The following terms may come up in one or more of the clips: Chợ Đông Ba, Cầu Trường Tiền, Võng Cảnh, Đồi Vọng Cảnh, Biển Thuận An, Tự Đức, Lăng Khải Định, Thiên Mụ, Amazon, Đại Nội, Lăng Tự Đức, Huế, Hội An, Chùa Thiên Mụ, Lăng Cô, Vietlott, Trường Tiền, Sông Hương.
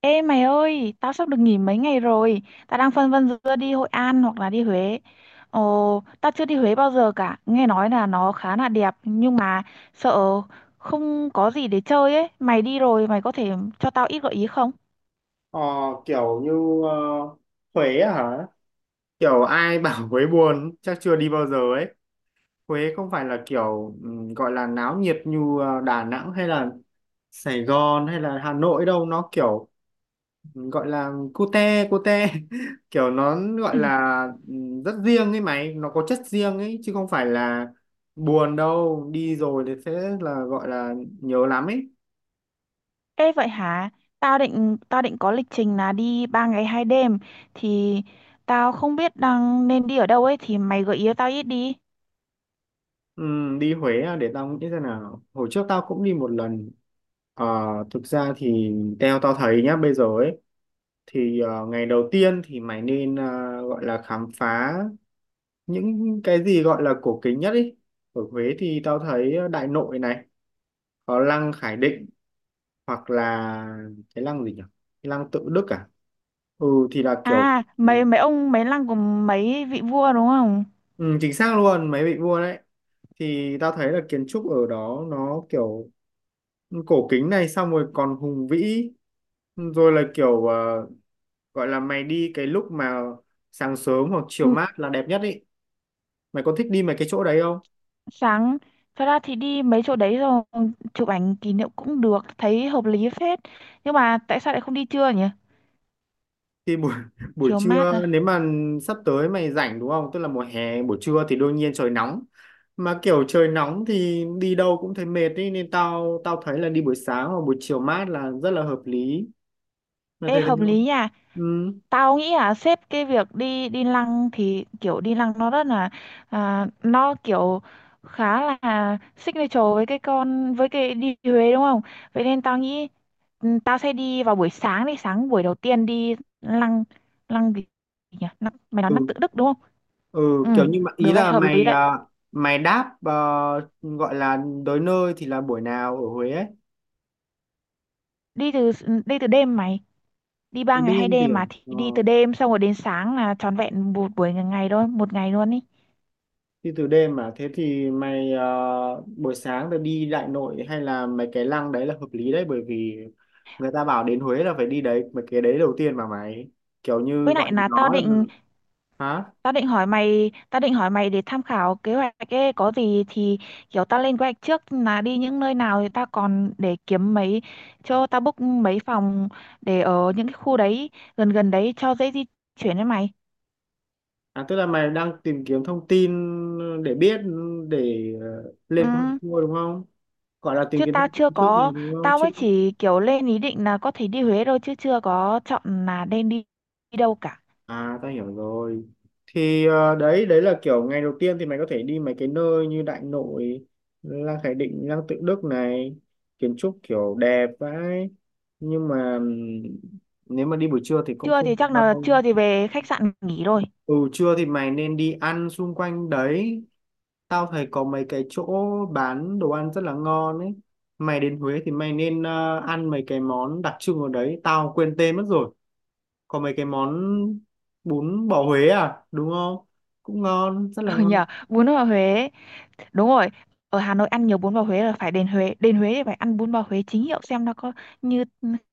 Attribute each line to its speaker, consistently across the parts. Speaker 1: Ê mày ơi, tao sắp được nghỉ mấy ngày rồi. Tao đang phân vân giữa đi Hội An hoặc là đi Huế. Ồ, tao chưa đi Huế bao giờ cả. Nghe nói là nó khá là đẹp nhưng mà sợ không có gì để chơi ấy. Mày đi rồi, mày có thể cho tao ít gợi ý không?
Speaker 2: Ờ, kiểu như ờ, Huế á hả? Kiểu ai bảo Huế buồn chắc chưa đi bao giờ ấy. Huế không phải là kiểu gọi là náo nhiệt như Đà Nẵng hay là Sài Gòn hay là Hà Nội đâu. Nó kiểu gọi là cute cute kiểu nó gọi là rất riêng ấy mày. Nó có chất riêng ấy chứ không phải là buồn đâu. Đi rồi thì sẽ là gọi là nhớ lắm ấy.
Speaker 1: Ê vậy hả? Tao định có lịch trình là đi 3 ngày 2 đêm thì tao không biết đang nên đi ở đâu ấy, thì mày gợi ý cho tao ít đi.
Speaker 2: Đi Huế à, để tao nghĩ xem nào. Hồi trước tao cũng đi một lần. Ờ, thực ra thì theo tao thấy nhá bây giờ ấy thì ngày đầu tiên thì mày nên gọi là khám phá những cái gì gọi là cổ kính nhất ý. Ở Huế thì tao thấy Đại Nội này, có lăng Khải Định hoặc là cái lăng gì nhỉ? Cái lăng Tự Đức à? Ừ thì là kiểu.
Speaker 1: À,
Speaker 2: Ừ,
Speaker 1: mấy mấy ông, mấy lăng của mấy vị vua đúng không?
Speaker 2: ừ, chính xác luôn, mày bị mua đấy. Thì tao thấy là kiến trúc ở đó nó kiểu cổ kính này, xong rồi còn hùng vĩ. Rồi là kiểu gọi là mày đi cái lúc mà sáng sớm hoặc chiều mát là đẹp nhất ý. Mày có thích đi mấy cái chỗ đấy không?
Speaker 1: Sáng, thật ra thì đi mấy chỗ đấy rồi chụp ảnh kỷ niệm cũng được, thấy hợp lý phết, nhưng mà tại sao lại không đi trưa nhỉ?
Speaker 2: Thì buổi buổi
Speaker 1: Chiều mát
Speaker 2: trưa
Speaker 1: à?
Speaker 2: nếu mà sắp tới mày rảnh đúng không? Tức là mùa hè buổi trưa thì đương nhiên trời nóng, mà kiểu trời nóng thì đi đâu cũng thấy mệt ý, nên tao tao thấy là đi buổi sáng hoặc buổi chiều mát là rất là hợp lý. Mày
Speaker 1: Ê
Speaker 2: thấy thế
Speaker 1: hợp
Speaker 2: không?
Speaker 1: lý nha.
Speaker 2: Ừ,
Speaker 1: Tao nghĩ là xếp cái việc đi đi lăng, thì kiểu đi lăng nó rất là à, nó kiểu khá là signature với cái con, với cái đi Huế đúng không? Vậy nên tao nghĩ ừ, tao sẽ đi vào buổi sáng, đi sáng buổi đầu tiên đi lăng. Lăng gì nhỉ? Lăng, mày nói lăng
Speaker 2: ừ,
Speaker 1: Tự Đức đúng không?
Speaker 2: ừ,
Speaker 1: Ừ,
Speaker 2: kiểu như mà ý
Speaker 1: được đấy,
Speaker 2: là
Speaker 1: hợp lý
Speaker 2: mày
Speaker 1: đấy.
Speaker 2: à, mày đáp gọi là tới nơi thì là buổi nào ở Huế ấy.
Speaker 1: Đi từ đêm mày, đi ba ngày hai
Speaker 2: Đêm thì
Speaker 1: đêm
Speaker 2: ở,
Speaker 1: mà, thì
Speaker 2: ờ,
Speaker 1: đi từ đêm xong rồi đến sáng là trọn vẹn một buổi ngày ngày thôi, một ngày luôn ý.
Speaker 2: đi từ đêm mà thế thì mày buổi sáng rồi đi Đại Nội hay là mấy cái lăng đấy là hợp lý đấy, bởi vì người ta bảo đến Huế là phải đi đấy mấy cái đấy đầu tiên mà mày, kiểu như
Speaker 1: Với
Speaker 2: gọi
Speaker 1: lại
Speaker 2: là
Speaker 1: là tao
Speaker 2: nó là.
Speaker 1: định,
Speaker 2: Hả?
Speaker 1: tao định hỏi mày để tham khảo kế hoạch ấy, có gì thì kiểu tao lên kế hoạch trước là đi những nơi nào, thì tao còn để kiếm mấy, cho tao book mấy phòng để ở những cái khu đấy, gần gần đấy cho dễ di chuyển với mày.
Speaker 2: À, tức là mày đang tìm kiếm thông tin để biết, để
Speaker 1: Ừ.
Speaker 2: lên kế hoạch tour đúng không? Gọi là tìm
Speaker 1: Chứ
Speaker 2: kiếm
Speaker 1: tao
Speaker 2: thông tin
Speaker 1: chưa
Speaker 2: trước này
Speaker 1: có,
Speaker 2: đúng không
Speaker 1: tao
Speaker 2: chứ?
Speaker 1: mới chỉ kiểu lên ý định là có thể đi Huế thôi chứ chưa có chọn là nên đi đi đâu cả.
Speaker 2: À, tao hiểu rồi. Thì đấy đấy là kiểu ngày đầu tiên thì mày có thể đi mấy cái nơi như Đại Nội, Lăng Khải Định, Lăng Tự Đức này, kiến trúc kiểu đẹp vãi. Nhưng mà nếu mà đi buổi trưa thì cũng
Speaker 1: Trưa
Speaker 2: không
Speaker 1: thì
Speaker 2: được
Speaker 1: chắc là
Speaker 2: đâu.
Speaker 1: trưa thì về khách sạn nghỉ rồi.
Speaker 2: Ừ, trưa thì mày nên đi ăn xung quanh đấy. Tao thấy có mấy cái chỗ bán đồ ăn rất là ngon ấy. Mày đến Huế thì mày nên ăn mấy cái món đặc trưng ở đấy. Tao quên tên mất rồi, có mấy cái món bún bò Huế à đúng không? Cũng ngon, rất là
Speaker 1: Ừ
Speaker 2: ngon.
Speaker 1: nhờ, bún bò Huế ấy. Đúng rồi, ở Hà Nội ăn nhiều bún bò Huế là phải đến Huế, đến Huế thì phải ăn bún bò Huế chính hiệu xem nó có như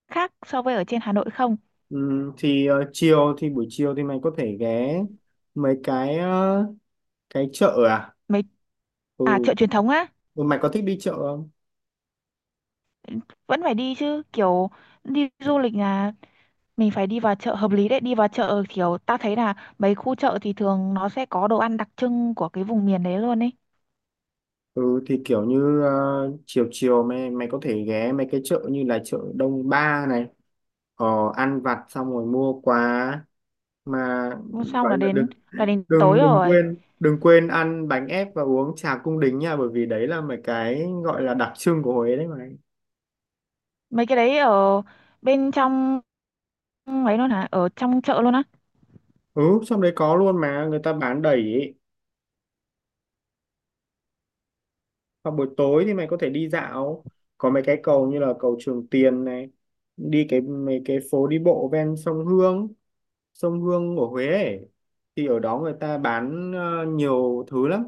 Speaker 1: khác so với ở trên Hà Nội không.
Speaker 2: Ừ, thì chiều thì buổi chiều thì mày có thể ghé mấy cái cái chợ à.
Speaker 1: Mấy,
Speaker 2: Ừ.
Speaker 1: à chợ truyền thống á.
Speaker 2: Ừ, mày có thích đi chợ không?
Speaker 1: Vẫn phải đi chứ kiểu đi du lịch là mình phải đi vào chợ, hợp lý đấy. Đi vào chợ kiểu ta thấy là mấy khu chợ thì thường nó sẽ có đồ ăn đặc trưng của cái vùng miền đấy luôn ấy.
Speaker 2: Ừ, thì kiểu như chiều chiều mày mày có thể ghé mấy cái chợ như là chợ Đông Ba này, ờ, ăn vặt xong rồi mua quà mà,
Speaker 1: Xong
Speaker 2: gọi
Speaker 1: là
Speaker 2: là
Speaker 1: đến,
Speaker 2: được.
Speaker 1: là đến tối
Speaker 2: đừng đừng
Speaker 1: rồi.
Speaker 2: quên đừng quên ăn bánh ép và uống trà cung đính nha, bởi vì đấy là mấy cái gọi là đặc trưng của Huế đấy mày.
Speaker 1: Mấy cái đấy ở bên trong. Ừ, ấy luôn hả, ở trong chợ luôn á?
Speaker 2: Ừ, trong đấy có luôn mà, người ta bán đầy ý. Hoặc buổi tối thì mày có thể đi dạo, có mấy cái cầu như là cầu Trường Tiền này, đi cái mấy cái phố đi bộ ven sông Hương, sông Hương của Huế ấy. Thì ở đó người ta bán nhiều thứ lắm.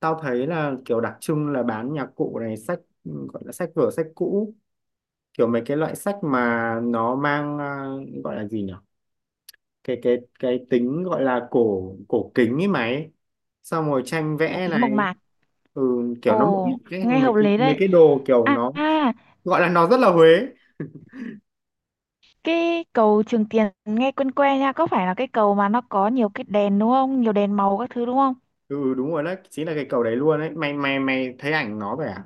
Speaker 2: Tao thấy là kiểu đặc trưng là bán nhạc cụ này, sách, gọi là sách vở sách cũ, kiểu mấy cái loại sách mà nó mang, gọi là gì nhỉ, cái tính gọi là cổ cổ kính ấy mày, xong rồi tranh
Speaker 1: Cổ
Speaker 2: vẽ
Speaker 1: kính mộc
Speaker 2: này.
Speaker 1: mạc.
Speaker 2: Ừ, kiểu nó một
Speaker 1: Ồ
Speaker 2: cái
Speaker 1: nghe
Speaker 2: mấy
Speaker 1: hợp
Speaker 2: cái
Speaker 1: lý
Speaker 2: mấy
Speaker 1: đấy.
Speaker 2: cái đồ kiểu
Speaker 1: À
Speaker 2: nó
Speaker 1: à,
Speaker 2: gọi là nó rất là Huế.
Speaker 1: cái cầu Trường Tiền nghe quen quen nha, có phải là cái cầu mà nó có nhiều cái đèn đúng không, nhiều đèn màu các thứ đúng không?
Speaker 2: Ừ đúng rồi, đó chính là cái cầu đấy luôn đấy mày mày mày thấy ảnh nó vậy à.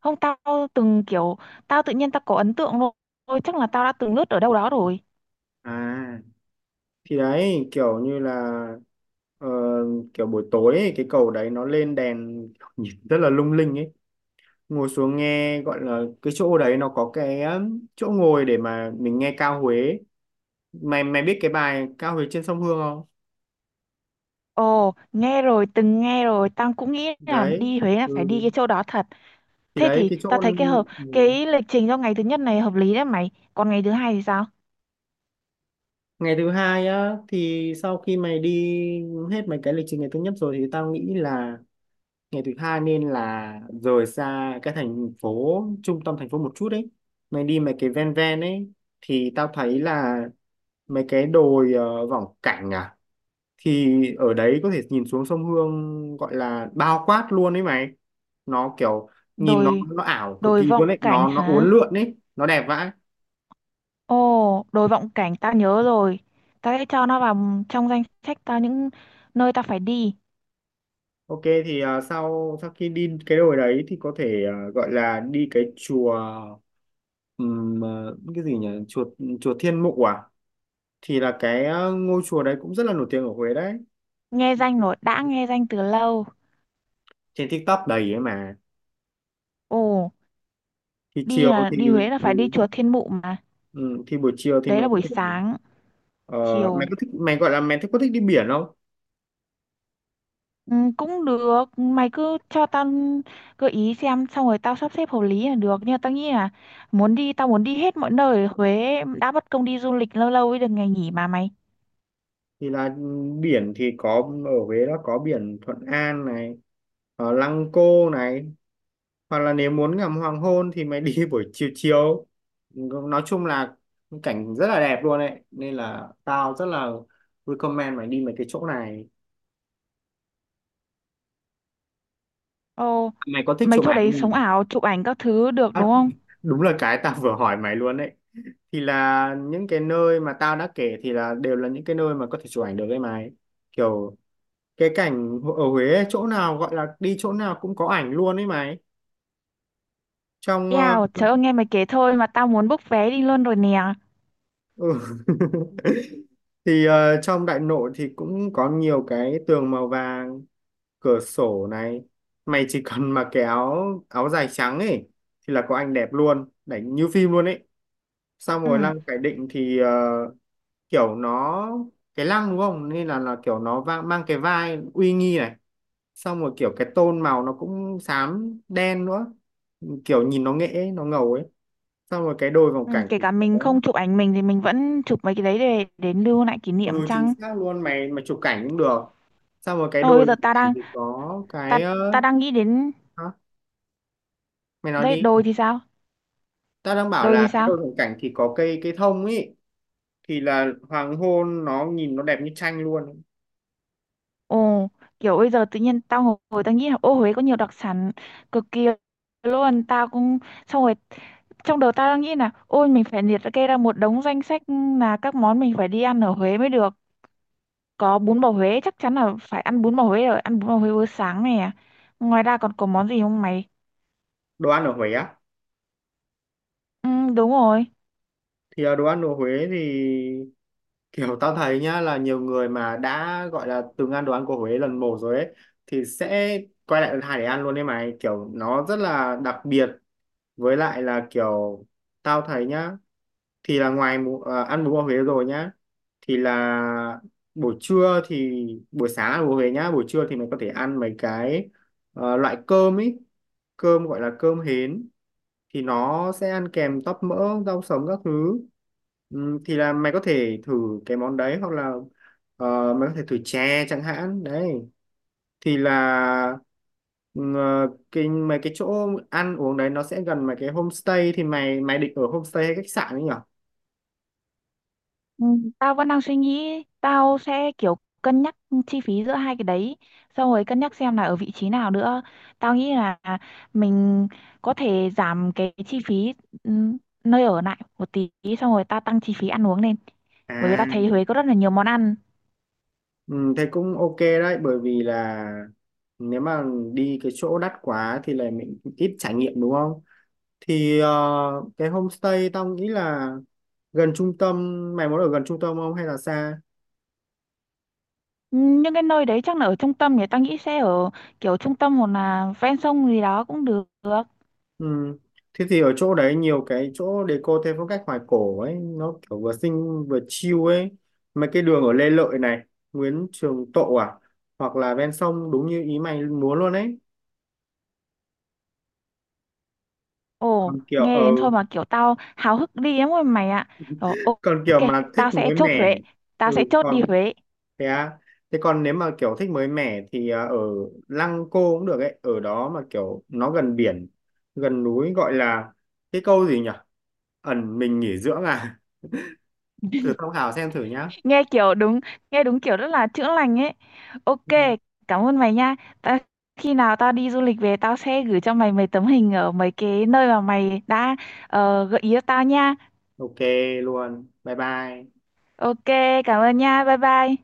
Speaker 1: Không, tao từng kiểu, tao tự nhiên tao có ấn tượng luôn. Ôi, chắc là tao đã từng lướt ở đâu đó rồi.
Speaker 2: À, thì đấy kiểu như là ờ, kiểu buổi tối ấy, cái cầu đấy nó lên đèn nhìn rất là lung linh ấy. Ngồi xuống nghe, gọi là cái chỗ đấy nó có cái chỗ ngồi để mà mình nghe ca Huế. Mày mày biết cái bài ca Huế trên sông Hương không?
Speaker 1: Ồ nghe rồi, từng nghe rồi, tao cũng nghĩ là
Speaker 2: Đấy.
Speaker 1: đi Huế là phải đi
Speaker 2: Ừ.
Speaker 1: cái chỗ đó thật.
Speaker 2: Thì
Speaker 1: Thế
Speaker 2: đấy
Speaker 1: thì
Speaker 2: cái
Speaker 1: tao
Speaker 2: chỗ.
Speaker 1: thấy cái hợp,
Speaker 2: Ừ.
Speaker 1: cái lịch trình cho ngày thứ nhất này hợp lý đấy mày, còn ngày thứ hai thì sao?
Speaker 2: Ngày thứ hai á thì sau khi mày đi hết mấy cái lịch trình ngày thứ nhất rồi thì tao nghĩ là ngày thứ hai nên là rời xa cái thành phố, trung tâm thành phố một chút đấy, mày đi mấy cái ven ven ấy. Thì tao thấy là mấy cái đồi Võng Cảnh à, thì ở đấy có thể nhìn xuống sông Hương, gọi là bao quát luôn ấy mày. Nó kiểu nhìn
Speaker 1: Đồi,
Speaker 2: nó ảo cực
Speaker 1: đồi
Speaker 2: kỳ
Speaker 1: Vọng
Speaker 2: luôn ấy,
Speaker 1: Cảnh
Speaker 2: nó
Speaker 1: hả?
Speaker 2: uốn lượn ấy, nó đẹp vãi.
Speaker 1: Ồ, đồi Vọng Cảnh tao nhớ rồi. Tao sẽ cho nó vào trong danh sách tao những nơi tao phải đi.
Speaker 2: OK thì sau sau khi đi cái đồi đấy thì có thể gọi là đi cái chùa ừm, à, cái gì nhỉ, chùa chùa Thiên Mụ à, thì là cái ngôi chùa đấy cũng rất là nổi tiếng ở Huế đấy.
Speaker 1: Nghe
Speaker 2: Thì
Speaker 1: danh rồi, đã nghe danh từ lâu.
Speaker 2: trên TikTok đầy ấy mà.
Speaker 1: Ồ,
Speaker 2: Thì
Speaker 1: đi
Speaker 2: chiều
Speaker 1: là,
Speaker 2: thì
Speaker 1: đi Huế là
Speaker 2: ừ,
Speaker 1: phải đi chùa Thiên Mụ mà.
Speaker 2: ừ, thì buổi chiều thì
Speaker 1: Đấy là buổi sáng,
Speaker 2: ờ, mày
Speaker 1: chiều.
Speaker 2: có thích, mày gọi là mày thích, có thích đi biển không?
Speaker 1: Ừ, cũng được, mày cứ cho tao gợi ý xem, xong rồi tao sắp xếp hợp lý là được. Nhưng mà tao nghĩ là muốn đi, tao muốn đi hết mọi nơi ở Huế đã, bất công đi du lịch lâu lâu mới được ngày nghỉ mà mày.
Speaker 2: Thì là biển thì có ở Huế đó, có biển Thuận An này, ở Lăng Cô này, hoặc là nếu muốn ngắm hoàng hôn thì mày đi buổi chiều chiều. Nói chung là cảnh rất là đẹp luôn đấy nên là tao rất là recommend mày đi mấy cái chỗ này.
Speaker 1: Ồ,
Speaker 2: Mày có thích
Speaker 1: mấy
Speaker 2: chụp
Speaker 1: chỗ
Speaker 2: ảnh
Speaker 1: đấy
Speaker 2: không nhỉ?
Speaker 1: sống ảo, chụp ảnh các thứ được
Speaker 2: À,
Speaker 1: đúng không?
Speaker 2: đúng là cái tao vừa hỏi mày luôn đấy. Thì là những cái nơi mà tao đã kể thì là đều là những cái nơi mà có thể chụp ảnh được với mày, kiểu cái cảnh ở Huế ấy, chỗ nào gọi là đi chỗ nào cũng có ảnh luôn ấy mày. Trong
Speaker 1: Eo, trời ơi, nghe mày kể thôi mà tao muốn book vé đi luôn rồi nè.
Speaker 2: ừ. Thì trong Đại Nội thì cũng có nhiều cái tường màu vàng, cửa sổ này, mày chỉ cần mà cái áo áo dài trắng ấy thì là có ảnh đẹp luôn, đánh như phim luôn ấy. Xong rồi
Speaker 1: Ừ,
Speaker 2: lăng Khải Định thì kiểu nó cái lăng đúng không nên là kiểu nó mang cái vai uy nghi này, xong rồi kiểu cái tôn màu nó cũng xám đen nữa, kiểu nhìn nó nghệ nó ngầu ấy. Xong rồi cái đôi vòng
Speaker 1: ừ,
Speaker 2: cảnh
Speaker 1: kể
Speaker 2: thì
Speaker 1: cả
Speaker 2: có.
Speaker 1: mình không chụp ảnh mình thì mình vẫn chụp mấy cái đấy để lưu lại kỷ niệm
Speaker 2: Ừ chính
Speaker 1: chăng?
Speaker 2: xác luôn mày, mà chụp cảnh cũng được. Xong rồi cái
Speaker 1: Thôi bây
Speaker 2: đôi
Speaker 1: giờ
Speaker 2: vòng
Speaker 1: ta
Speaker 2: cảnh
Speaker 1: đang,
Speaker 2: thì có
Speaker 1: ta
Speaker 2: cái
Speaker 1: ta đang nghĩ đến
Speaker 2: hả? Mày nói
Speaker 1: đây,
Speaker 2: đi.
Speaker 1: đồi thì sao?
Speaker 2: Tao đang bảo
Speaker 1: Đồi thì
Speaker 2: là cái
Speaker 1: sao?
Speaker 2: đôi vòng cảnh thì có cây cây thông ấy, thì là hoàng hôn nó nhìn nó đẹp như tranh luôn.
Speaker 1: Ồ, kiểu bây giờ tự nhiên tao ngồi, ngồi tao nghĩ là ô Huế có nhiều đặc sản cực kỳ luôn, tao cũng, xong rồi trong đầu tao đang nghĩ là ôi mình phải liệt kê ra một đống danh sách là các món mình phải đi ăn ở Huế mới được. Có bún bò Huế, chắc chắn là phải ăn bún bò Huế rồi, ăn bún bò Huế bữa sáng này à. Ngoài ra còn có món gì không mày?
Speaker 2: Đồ ăn ở Huế á?
Speaker 1: Ừ, đúng rồi.
Speaker 2: Thì đồ ăn của Huế thì kiểu tao thấy nhá là nhiều người mà đã gọi là từng ăn đồ ăn của Huế lần một rồi ấy thì sẽ quay lại lần hai để ăn luôn đấy mày, kiểu nó rất là đặc biệt. Với lại là kiểu tao thấy nhá, thì là ngoài ăn bún bò Huế rồi nhá, thì là buổi trưa thì buổi sáng ăn bún bò Huế nhá, buổi trưa thì mày có thể ăn mấy cái loại cơm ấy, cơm gọi là cơm hến, thì nó sẽ ăn kèm tóp mỡ rau sống các thứ. Thì là mày có thể thử cái món đấy hoặc là mày có thể thử chè chẳng hạn đấy. Thì là cái mấy cái chỗ ăn uống đấy nó sẽ gần mấy cái homestay, thì mày mày định ở homestay hay khách sạn ấy nhỉ?
Speaker 1: Ừ, tao vẫn đang suy nghĩ, tao sẽ kiểu cân nhắc chi phí giữa hai cái đấy, xong rồi cân nhắc xem là ở vị trí nào nữa. Tao nghĩ là mình có thể giảm cái chi phí ừ, nơi ở lại một tí, xong rồi tao tăng chi phí ăn uống lên. Bởi vì
Speaker 2: À
Speaker 1: tao thấy Huế có rất là nhiều món ăn.
Speaker 2: thế cũng ok đấy, bởi vì là nếu mà đi cái chỗ đắt quá thì là mình ít trải nghiệm đúng không? Thì cái homestay tao nghĩ là gần trung tâm, mày muốn ở gần trung tâm không hay là xa?
Speaker 1: Ừ, những cái nơi đấy chắc là ở trung tâm, thì tao nghĩ sẽ ở kiểu trung tâm hoặc là ven sông gì đó cũng được.
Speaker 2: Ừ. Thế thì ở chỗ đấy nhiều cái chỗ deco theo phong cách hoài cổ ấy, nó kiểu vừa xinh vừa chill ấy, mấy cái đường ở Lê Lợi này, Nguyễn Trường Tộ à, hoặc là ven sông đúng như ý mày muốn luôn ấy.
Speaker 1: Ồ,
Speaker 2: Còn kiểu
Speaker 1: nghe đến thôi mà kiểu tao háo hức đi lắm rồi mày ạ. Ờ, ô-
Speaker 2: còn
Speaker 1: ok,
Speaker 2: kiểu mà thích
Speaker 1: tao sẽ
Speaker 2: mới
Speaker 1: chốt
Speaker 2: mẻ.
Speaker 1: Huế. Tao sẽ
Speaker 2: Ừ
Speaker 1: chốt đi
Speaker 2: còn.
Speaker 1: Huế.
Speaker 2: Thế à? Thế còn nếu mà kiểu thích mới mẻ thì ở Lăng Cô cũng được ấy, ở đó mà kiểu nó gần biển, gần núi, gọi là cái câu gì nhỉ? Ẩn mình nghỉ dưỡng à? Thử tham khảo xem thử nhá.
Speaker 1: Nghe kiểu đúng, nghe đúng kiểu rất là chữa lành ấy.
Speaker 2: Ừ.
Speaker 1: Ok, cảm ơn mày nha. Ta, khi nào tao đi du lịch về tao sẽ gửi cho mày mấy tấm hình ở mấy cái nơi mà mày đã gợi ý cho tao nha.
Speaker 2: Ok luôn. Bye bye.
Speaker 1: Ok, cảm ơn nha. Bye bye.